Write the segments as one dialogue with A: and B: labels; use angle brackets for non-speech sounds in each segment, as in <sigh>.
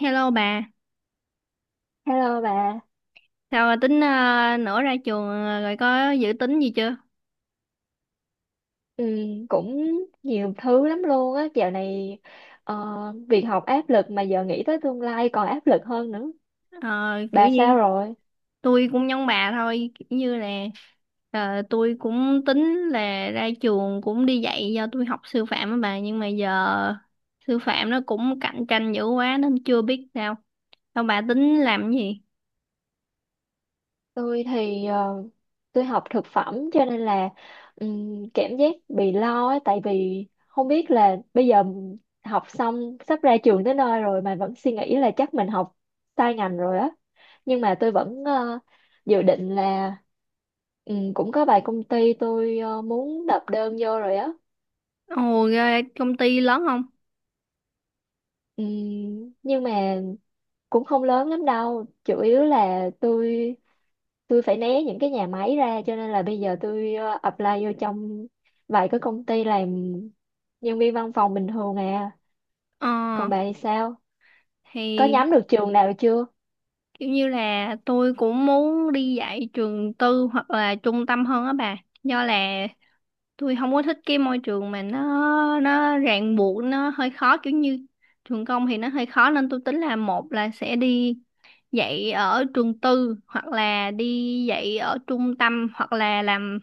A: Hello bà,
B: Hello bà.
A: sao bà tính nữa ra trường rồi có dự tính gì chưa?
B: ừ, Cũng nhiều thứ lắm luôn á, dạo này ờ, việc học áp lực mà giờ nghĩ tới tương lai còn áp lực hơn nữa.
A: Ờ, Kiểu
B: Bà
A: như
B: sao rồi?
A: tôi cũng giống bà thôi, kiểu như là tôi cũng tính là ra trường cũng đi dạy do tôi học sư phạm á bà, nhưng mà giờ sư phạm nó cũng cạnh tranh dữ quá nên chưa biết sao. Sao bà tính làm cái gì?
B: Tôi thì tôi học thực phẩm cho nên là cảm giác bị lo á, tại vì không biết là bây giờ học xong sắp ra trường tới nơi rồi mà vẫn suy nghĩ là chắc mình học sai ngành rồi á. Nhưng mà tôi vẫn dự định là cũng có vài công ty tôi muốn nộp đơn vô rồi á.
A: Ồ, ra công ty lớn không?
B: Ừ, nhưng mà cũng không lớn lắm đâu, chủ yếu là tôi phải né những cái nhà máy ra, cho nên là bây giờ tôi apply vô trong vài cái công ty làm nhân viên văn phòng bình thường à.
A: Ờ,
B: Còn bà thì sao, có
A: thì
B: nhắm được trường nào chưa?
A: kiểu như là tôi cũng muốn đi dạy trường tư hoặc là trung tâm hơn á bà. Do là tôi không có thích cái môi trường mà nó ràng buộc nó hơi khó, kiểu như trường công thì nó hơi khó, nên tôi tính là một là sẽ đi dạy ở trường tư hoặc là đi dạy ở trung tâm hoặc là làm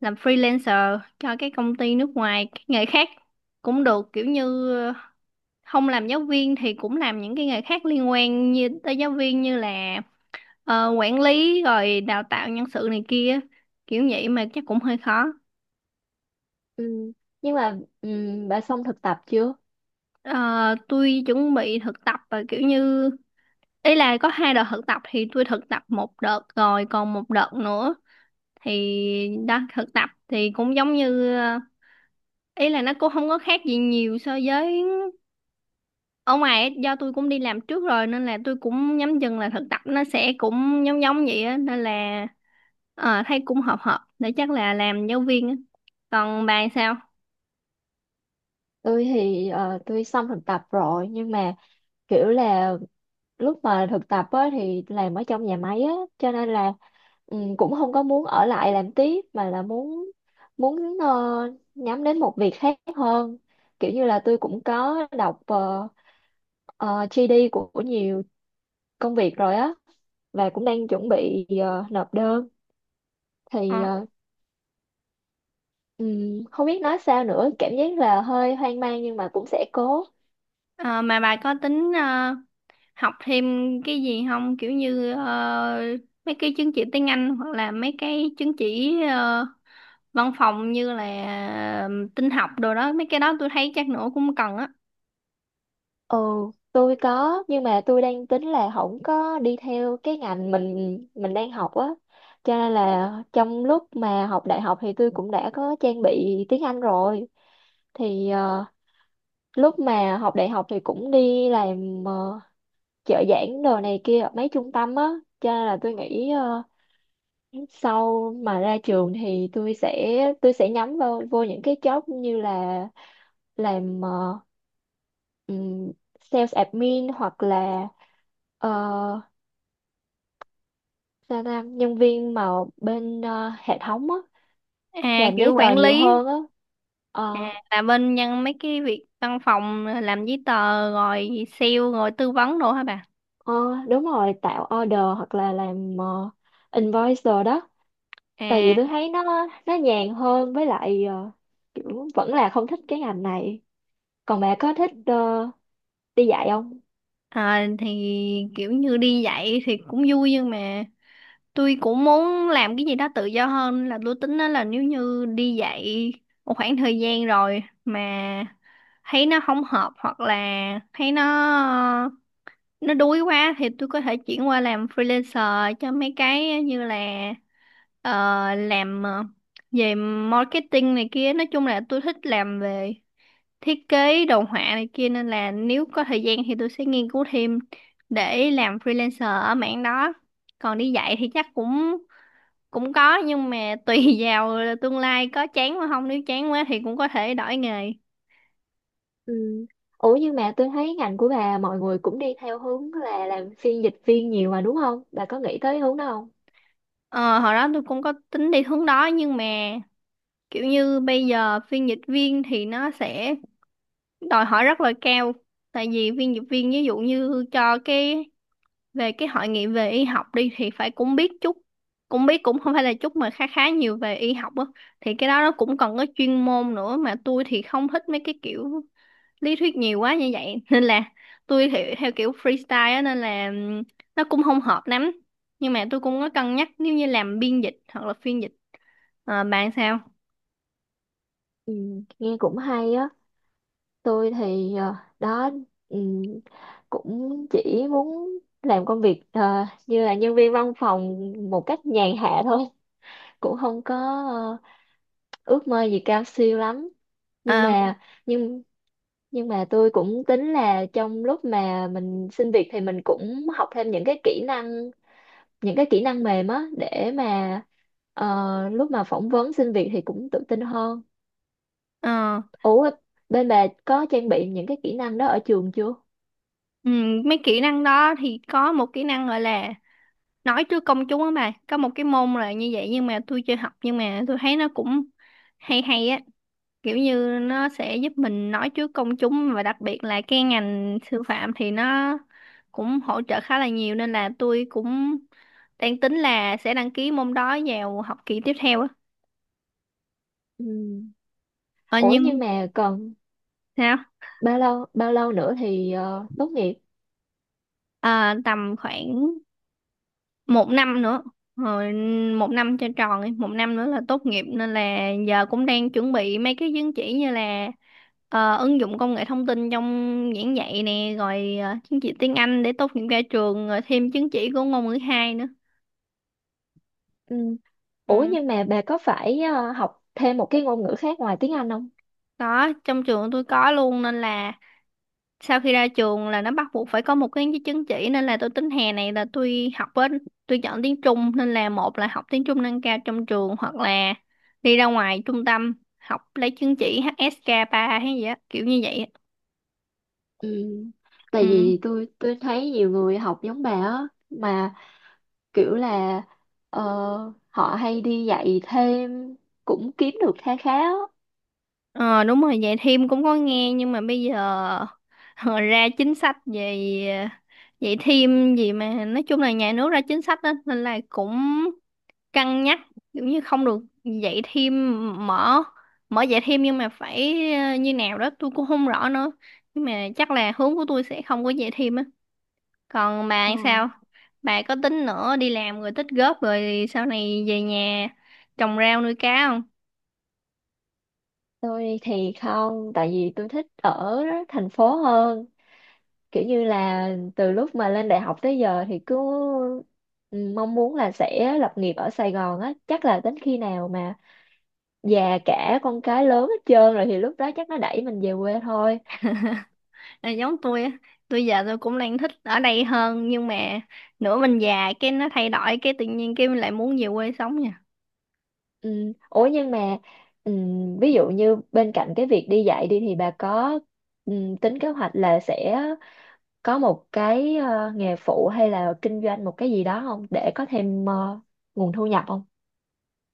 A: làm freelancer cho cái công ty nước ngoài, cái nghề khác cũng được, kiểu như không làm giáo viên thì cũng làm những cái nghề khác liên quan như tới giáo viên như là quản lý rồi đào tạo nhân sự này kia, kiểu vậy mà chắc cũng hơi khó.
B: Ừ. Nhưng mà bà xong thực tập chưa?
A: Ờ, tôi chuẩn bị thực tập, và kiểu như ý là có hai đợt thực tập thì tôi thực tập một đợt rồi còn một đợt nữa, thì đó, thực tập thì cũng giống như ý là nó cũng không có khác gì nhiều so với ở ngoài ấy, do tôi cũng đi làm trước rồi nên là tôi cũng nhắm chừng là thực tập nó sẽ cũng giống giống vậy á, nên là thấy cũng hợp hợp để chắc là làm giáo viên á. Còn bà sao?
B: Tôi thì tôi xong thực tập rồi, nhưng mà kiểu là lúc mà thực tập á, thì làm ở trong nhà máy á, cho nên là ừ, cũng không có muốn ở lại làm tiếp mà là muốn muốn nhắm đến một việc khác hơn. Kiểu như là tôi cũng có đọc GD của nhiều công việc rồi á, và cũng đang chuẩn bị nộp đơn thì
A: Ờ,
B: không biết nói sao nữa, cảm giác là hơi hoang mang nhưng mà cũng sẽ cố.
A: ờ, mà bà có tính học thêm cái gì không, kiểu như mấy cái chứng chỉ tiếng Anh hoặc là mấy cái chứng chỉ văn phòng, như là ờ, tin học đồ đó, mấy cái đó tôi thấy chắc nữa cũng cần á.
B: Ừ, tôi có, nhưng mà tôi đang tính là không có đi theo cái ngành mình đang học á. Cho nên là trong lúc mà học đại học thì tôi cũng đã có trang bị tiếng Anh rồi. Thì lúc mà học đại học thì cũng đi làm trợ giảng đồ này kia ở mấy trung tâm á. Cho nên là tôi nghĩ sau mà ra trường thì tôi sẽ nhắm vào vô những cái job như là làm ừm, sales admin hoặc là ờ, sao ta nhân viên mà bên hệ thống á,
A: À,
B: làm
A: kiểu
B: giấy tờ
A: quản
B: nhiều
A: lý.
B: hơn á. Ờ,
A: À, là bên nhân mấy cái việc văn phòng, làm giấy tờ rồi sale rồi tư vấn đồ hả bà?
B: ờ, đúng rồi, tạo order hoặc là làm invoice rồi đó. Tại vì
A: À,
B: tôi thấy nó nhàn hơn, với lại kiểu vẫn là không thích cái ngành này. Còn bà có thích đi dạy không?
A: ờ, thì kiểu như đi dạy thì cũng vui, nhưng mà tôi cũng muốn làm cái gì đó tự do hơn. Là tôi tính đó là nếu như đi dạy một khoảng thời gian rồi mà thấy nó không hợp hoặc là thấy nó đuối quá thì tôi có thể chuyển qua làm freelancer cho mấy cái như là ờ, làm về marketing này kia. Nói chung là tôi thích làm về thiết kế đồ họa này kia, nên là nếu có thời gian thì tôi sẽ nghiên cứu thêm để làm freelancer ở mảng đó. Còn đi dạy thì chắc cũng cũng có, nhưng mà tùy <laughs> vào tương lai, có chán mà không, nếu chán quá thì cũng có thể đổi nghề.
B: Ừ. Ủa nhưng mà tôi thấy ngành của bà mọi người cũng đi theo hướng là làm phiên dịch viên nhiều mà đúng không? Bà có nghĩ tới hướng đó không?
A: Ờ, hồi đó tôi cũng có tính đi hướng đó, nhưng mà kiểu như bây giờ phiên dịch viên thì nó sẽ đòi hỏi rất là cao, tại vì phiên dịch viên ví dụ như cho cái về cái hội nghị về y học đi thì phải cũng biết chút, cũng biết, cũng không phải là chút mà khá khá nhiều về y học á, thì cái đó nó cũng cần có chuyên môn nữa, mà tôi thì không thích mấy cái kiểu lý thuyết nhiều quá như vậy <laughs> nên là tôi thì theo kiểu freestyle á, nên là nó cũng không hợp lắm, nhưng mà tôi cũng có cân nhắc nếu như làm biên dịch hoặc là phiên dịch. Ờ, bạn sao?
B: Ừ, nghe cũng hay á. Tôi thì đó ừ, cũng chỉ muốn làm công việc như là nhân viên văn phòng một cách nhàn hạ thôi, cũng không có ờ, ước mơ gì cao siêu lắm. Nhưng
A: Ờ,
B: mà nhưng nhưng mà tôi cũng tính là trong lúc mà mình xin việc thì mình cũng học thêm những cái kỹ năng, những cái kỹ năng mềm á, để mà ờ, lúc mà phỏng vấn xin việc thì cũng tự tin hơn.
A: ờ,
B: Ủa bên bà có trang bị những cái kỹ năng đó ở trường chưa?
A: mấy kỹ năng đó thì có một kỹ năng gọi là nói trước công chúng á bà, có một cái môn là như vậy nhưng mà tôi chưa học, nhưng mà tôi thấy nó cũng hay hay á, kiểu như nó sẽ giúp mình nói trước công chúng, và đặc biệt là cái ngành sư phạm thì nó cũng hỗ trợ khá là nhiều, nên là tôi cũng đang tính là sẽ đăng ký môn đó vào học kỳ tiếp theo á.
B: Ừ.
A: Ờ,
B: Ủa nhưng
A: nhưng
B: mà còn
A: sao?
B: bao lâu nữa thì tốt nghiệp?
A: Ờ, tầm khoảng một năm nữa rồi, một năm cho tròn đi, một năm nữa là tốt nghiệp, nên là giờ cũng đang chuẩn bị mấy cái chứng chỉ như là ứng dụng công nghệ thông tin trong giảng dạy nè, rồi chứng chỉ tiếng Anh để tốt nghiệp ra trường, rồi thêm chứng chỉ của ngôn ngữ hai nữa.
B: Ừ. Ủa
A: Ừ.
B: nhưng mà bà có phải học thêm một cái ngôn ngữ khác ngoài tiếng Anh không?
A: Đó, trong trường tôi có luôn nên là sau khi ra trường là nó bắt buộc phải có một cái chứng chỉ, nên là tôi tính hè này là tôi học với tôi chọn tiếng Trung, nên là một là học tiếng Trung nâng cao trong trường, hoặc là đi ra ngoài trung tâm học lấy chứng chỉ HSK 3 hay gì á, kiểu như vậy á.
B: Ừ. Tại
A: Ừ.
B: vì tôi thấy nhiều người học giống bà á mà kiểu là ờ, họ hay đi dạy thêm cũng kiếm được kha khá á.
A: Ờ, đúng rồi, vậy thêm cũng có nghe, nhưng mà bây giờ <laughs> ờ, ra chính sách về vậy thêm gì, mà nói chung là nhà nước ra chính sách đó nên là cũng cân nhắc, kiểu như không được dạy thêm, mở mở dạy thêm nhưng mà phải như nào đó tôi cũng không rõ nữa, nhưng mà chắc là hướng của tôi sẽ không có dạy thêm á. Còn bà
B: Ờ.
A: thì sao, bà có tính nữa đi làm rồi tích góp rồi sau này về nhà trồng rau nuôi cá không?
B: Tôi thì không, tại vì tôi thích ở thành phố hơn. Kiểu như là từ lúc mà lên đại học tới giờ thì cứ mong muốn là sẽ lập nghiệp ở Sài Gòn á. Chắc là đến khi nào mà già cả, con cái lớn hết trơn rồi thì lúc đó chắc nó đẩy mình về quê thôi.
A: À, giống tôi á, tôi giờ tôi cũng đang thích ở đây hơn, nhưng mà nửa mình già cái nó thay đổi, cái tự nhiên cái mình lại muốn về quê sống nha.
B: Ừ. Ủa nhưng mà ừ, ví dụ như bên cạnh cái việc đi dạy đi thì bà có ừ, tính kế hoạch là sẽ có một cái nghề phụ hay là kinh doanh một cái gì đó không, để có thêm nguồn thu nhập không?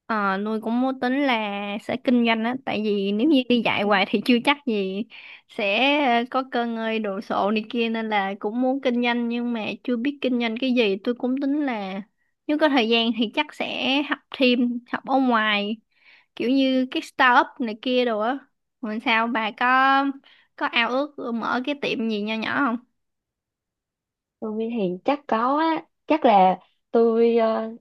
A: Ờ, nuôi cũng có tính là sẽ kinh doanh á, tại vì nếu như đi dạy hoài thì chưa chắc gì sẽ có cơ ngơi đồ sộ này kia, nên là cũng muốn kinh doanh, nhưng mà chưa biết kinh doanh cái gì. Tôi cũng tính là nếu có thời gian thì chắc sẽ học thêm, học ở ngoài, kiểu như cái startup này kia đồ á. Còn sao bà có ao ước mở cái tiệm gì nho nhỏ không?
B: Tôi thì chắc có á, chắc là tôi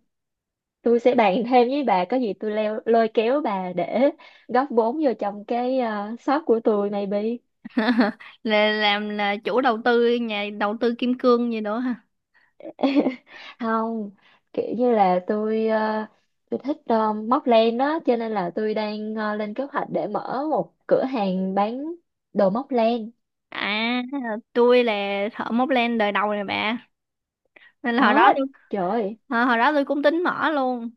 B: tôi sẽ bàn thêm với bà. Có gì tôi leo lôi kéo bà để góp vốn vô trong cái shop của tôi maybe.
A: <laughs> Là làm là chủ đầu tư, nhà đầu tư kim cương gì đó.
B: <laughs> Không, kiểu như là tôi tôi thích móc len đó, cho nên là tôi đang lên kế hoạch để mở một cửa hàng bán đồ móc len.
A: À, tôi là thợ móc len đời đầu này bà. Nên là hồi đó
B: Đó,
A: tôi,
B: trời ơi.
A: hồi hồi đó tôi cũng tính mở luôn.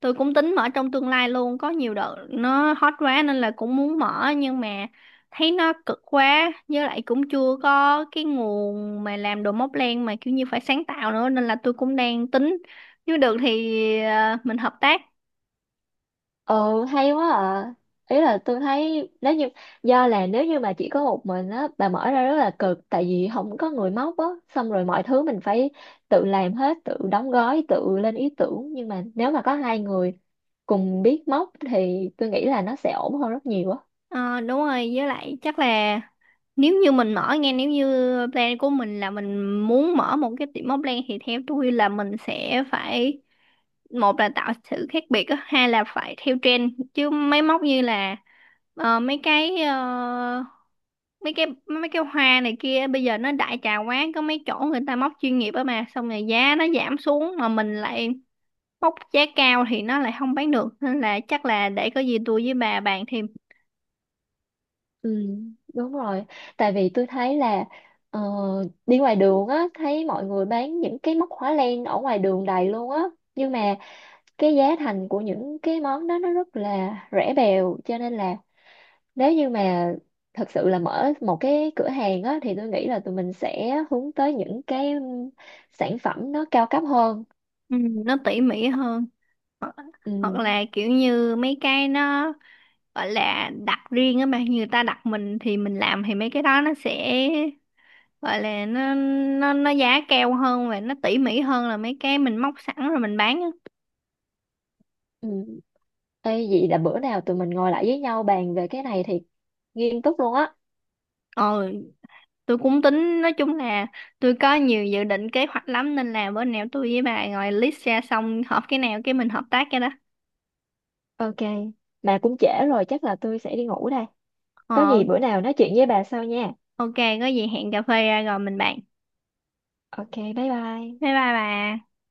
A: Tôi cũng tính mở trong tương lai luôn, có nhiều đợt nó hot quá nên là cũng muốn mở, nhưng mà thấy nó cực quá, với lại cũng chưa có cái nguồn mà làm đồ móc len mà kiểu như phải sáng tạo nữa, nên là tôi cũng đang tính. Nếu được thì mình hợp tác.
B: Ừ, hay quá à. Ý là tôi thấy nếu như, do là nếu như mà chỉ có một mình á, bà mở ra rất là cực, tại vì không có người móc á, xong rồi mọi thứ mình phải tự làm hết, tự đóng gói, tự lên ý tưởng. Nhưng mà nếu mà có hai người cùng biết móc thì tôi nghĩ là nó sẽ ổn hơn rất nhiều á.
A: Ờ, đúng rồi, với lại chắc là nếu như mình mở, nghe, nếu như plan của mình là mình muốn mở một cái tiệm móc len thì theo tôi là mình sẽ phải, một là tạo sự khác biệt á, hai là phải theo trend chứ máy móc, như là ờ, mấy cái ờ, mấy cái hoa này kia bây giờ nó đại trà quá, có mấy chỗ người ta móc chuyên nghiệp á, mà xong rồi giá nó giảm xuống mà mình lại móc giá cao thì nó lại không bán được, nên là chắc là để có gì tôi với bà bàn thêm.
B: Ừ, đúng rồi. Tại vì tôi thấy là ờ, đi ngoài đường á thấy mọi người bán những cái móc khóa len ở ngoài đường đầy luôn á. Nhưng mà cái giá thành của những cái món đó nó rất là rẻ bèo, cho nên là nếu như mà thật sự là mở một cái cửa hàng á thì tôi nghĩ là tụi mình sẽ hướng tới những cái sản phẩm nó cao cấp hơn.
A: Ừ, nó tỉ mỉ hơn, hoặc
B: Ừ.
A: là kiểu như mấy cái nó gọi là đặt riêng á, mà như người ta đặt mình thì mình làm, thì mấy cái đó nó sẽ gọi là nó giá cao hơn và nó tỉ mỉ hơn là mấy cái mình móc sẵn rồi mình bán á.
B: Ừ. Ê, vậy là bữa nào tụi mình ngồi lại với nhau bàn về cái này thì nghiêm túc luôn á.
A: Ờ, tôi cũng tính, nói chung là tôi có nhiều dự định kế hoạch lắm, nên là bữa nào tôi với bà ngồi list ra xong hợp cái nào cái mình hợp tác cái đó.
B: Ok, mà cũng trễ rồi, chắc là tôi sẽ đi ngủ đây. Có
A: Ờ,
B: gì bữa nào nói chuyện với bà sau nha.
A: ok, có gì hẹn cà phê ra rồi mình bàn.
B: Ok, bye bye.
A: Bye bye bà.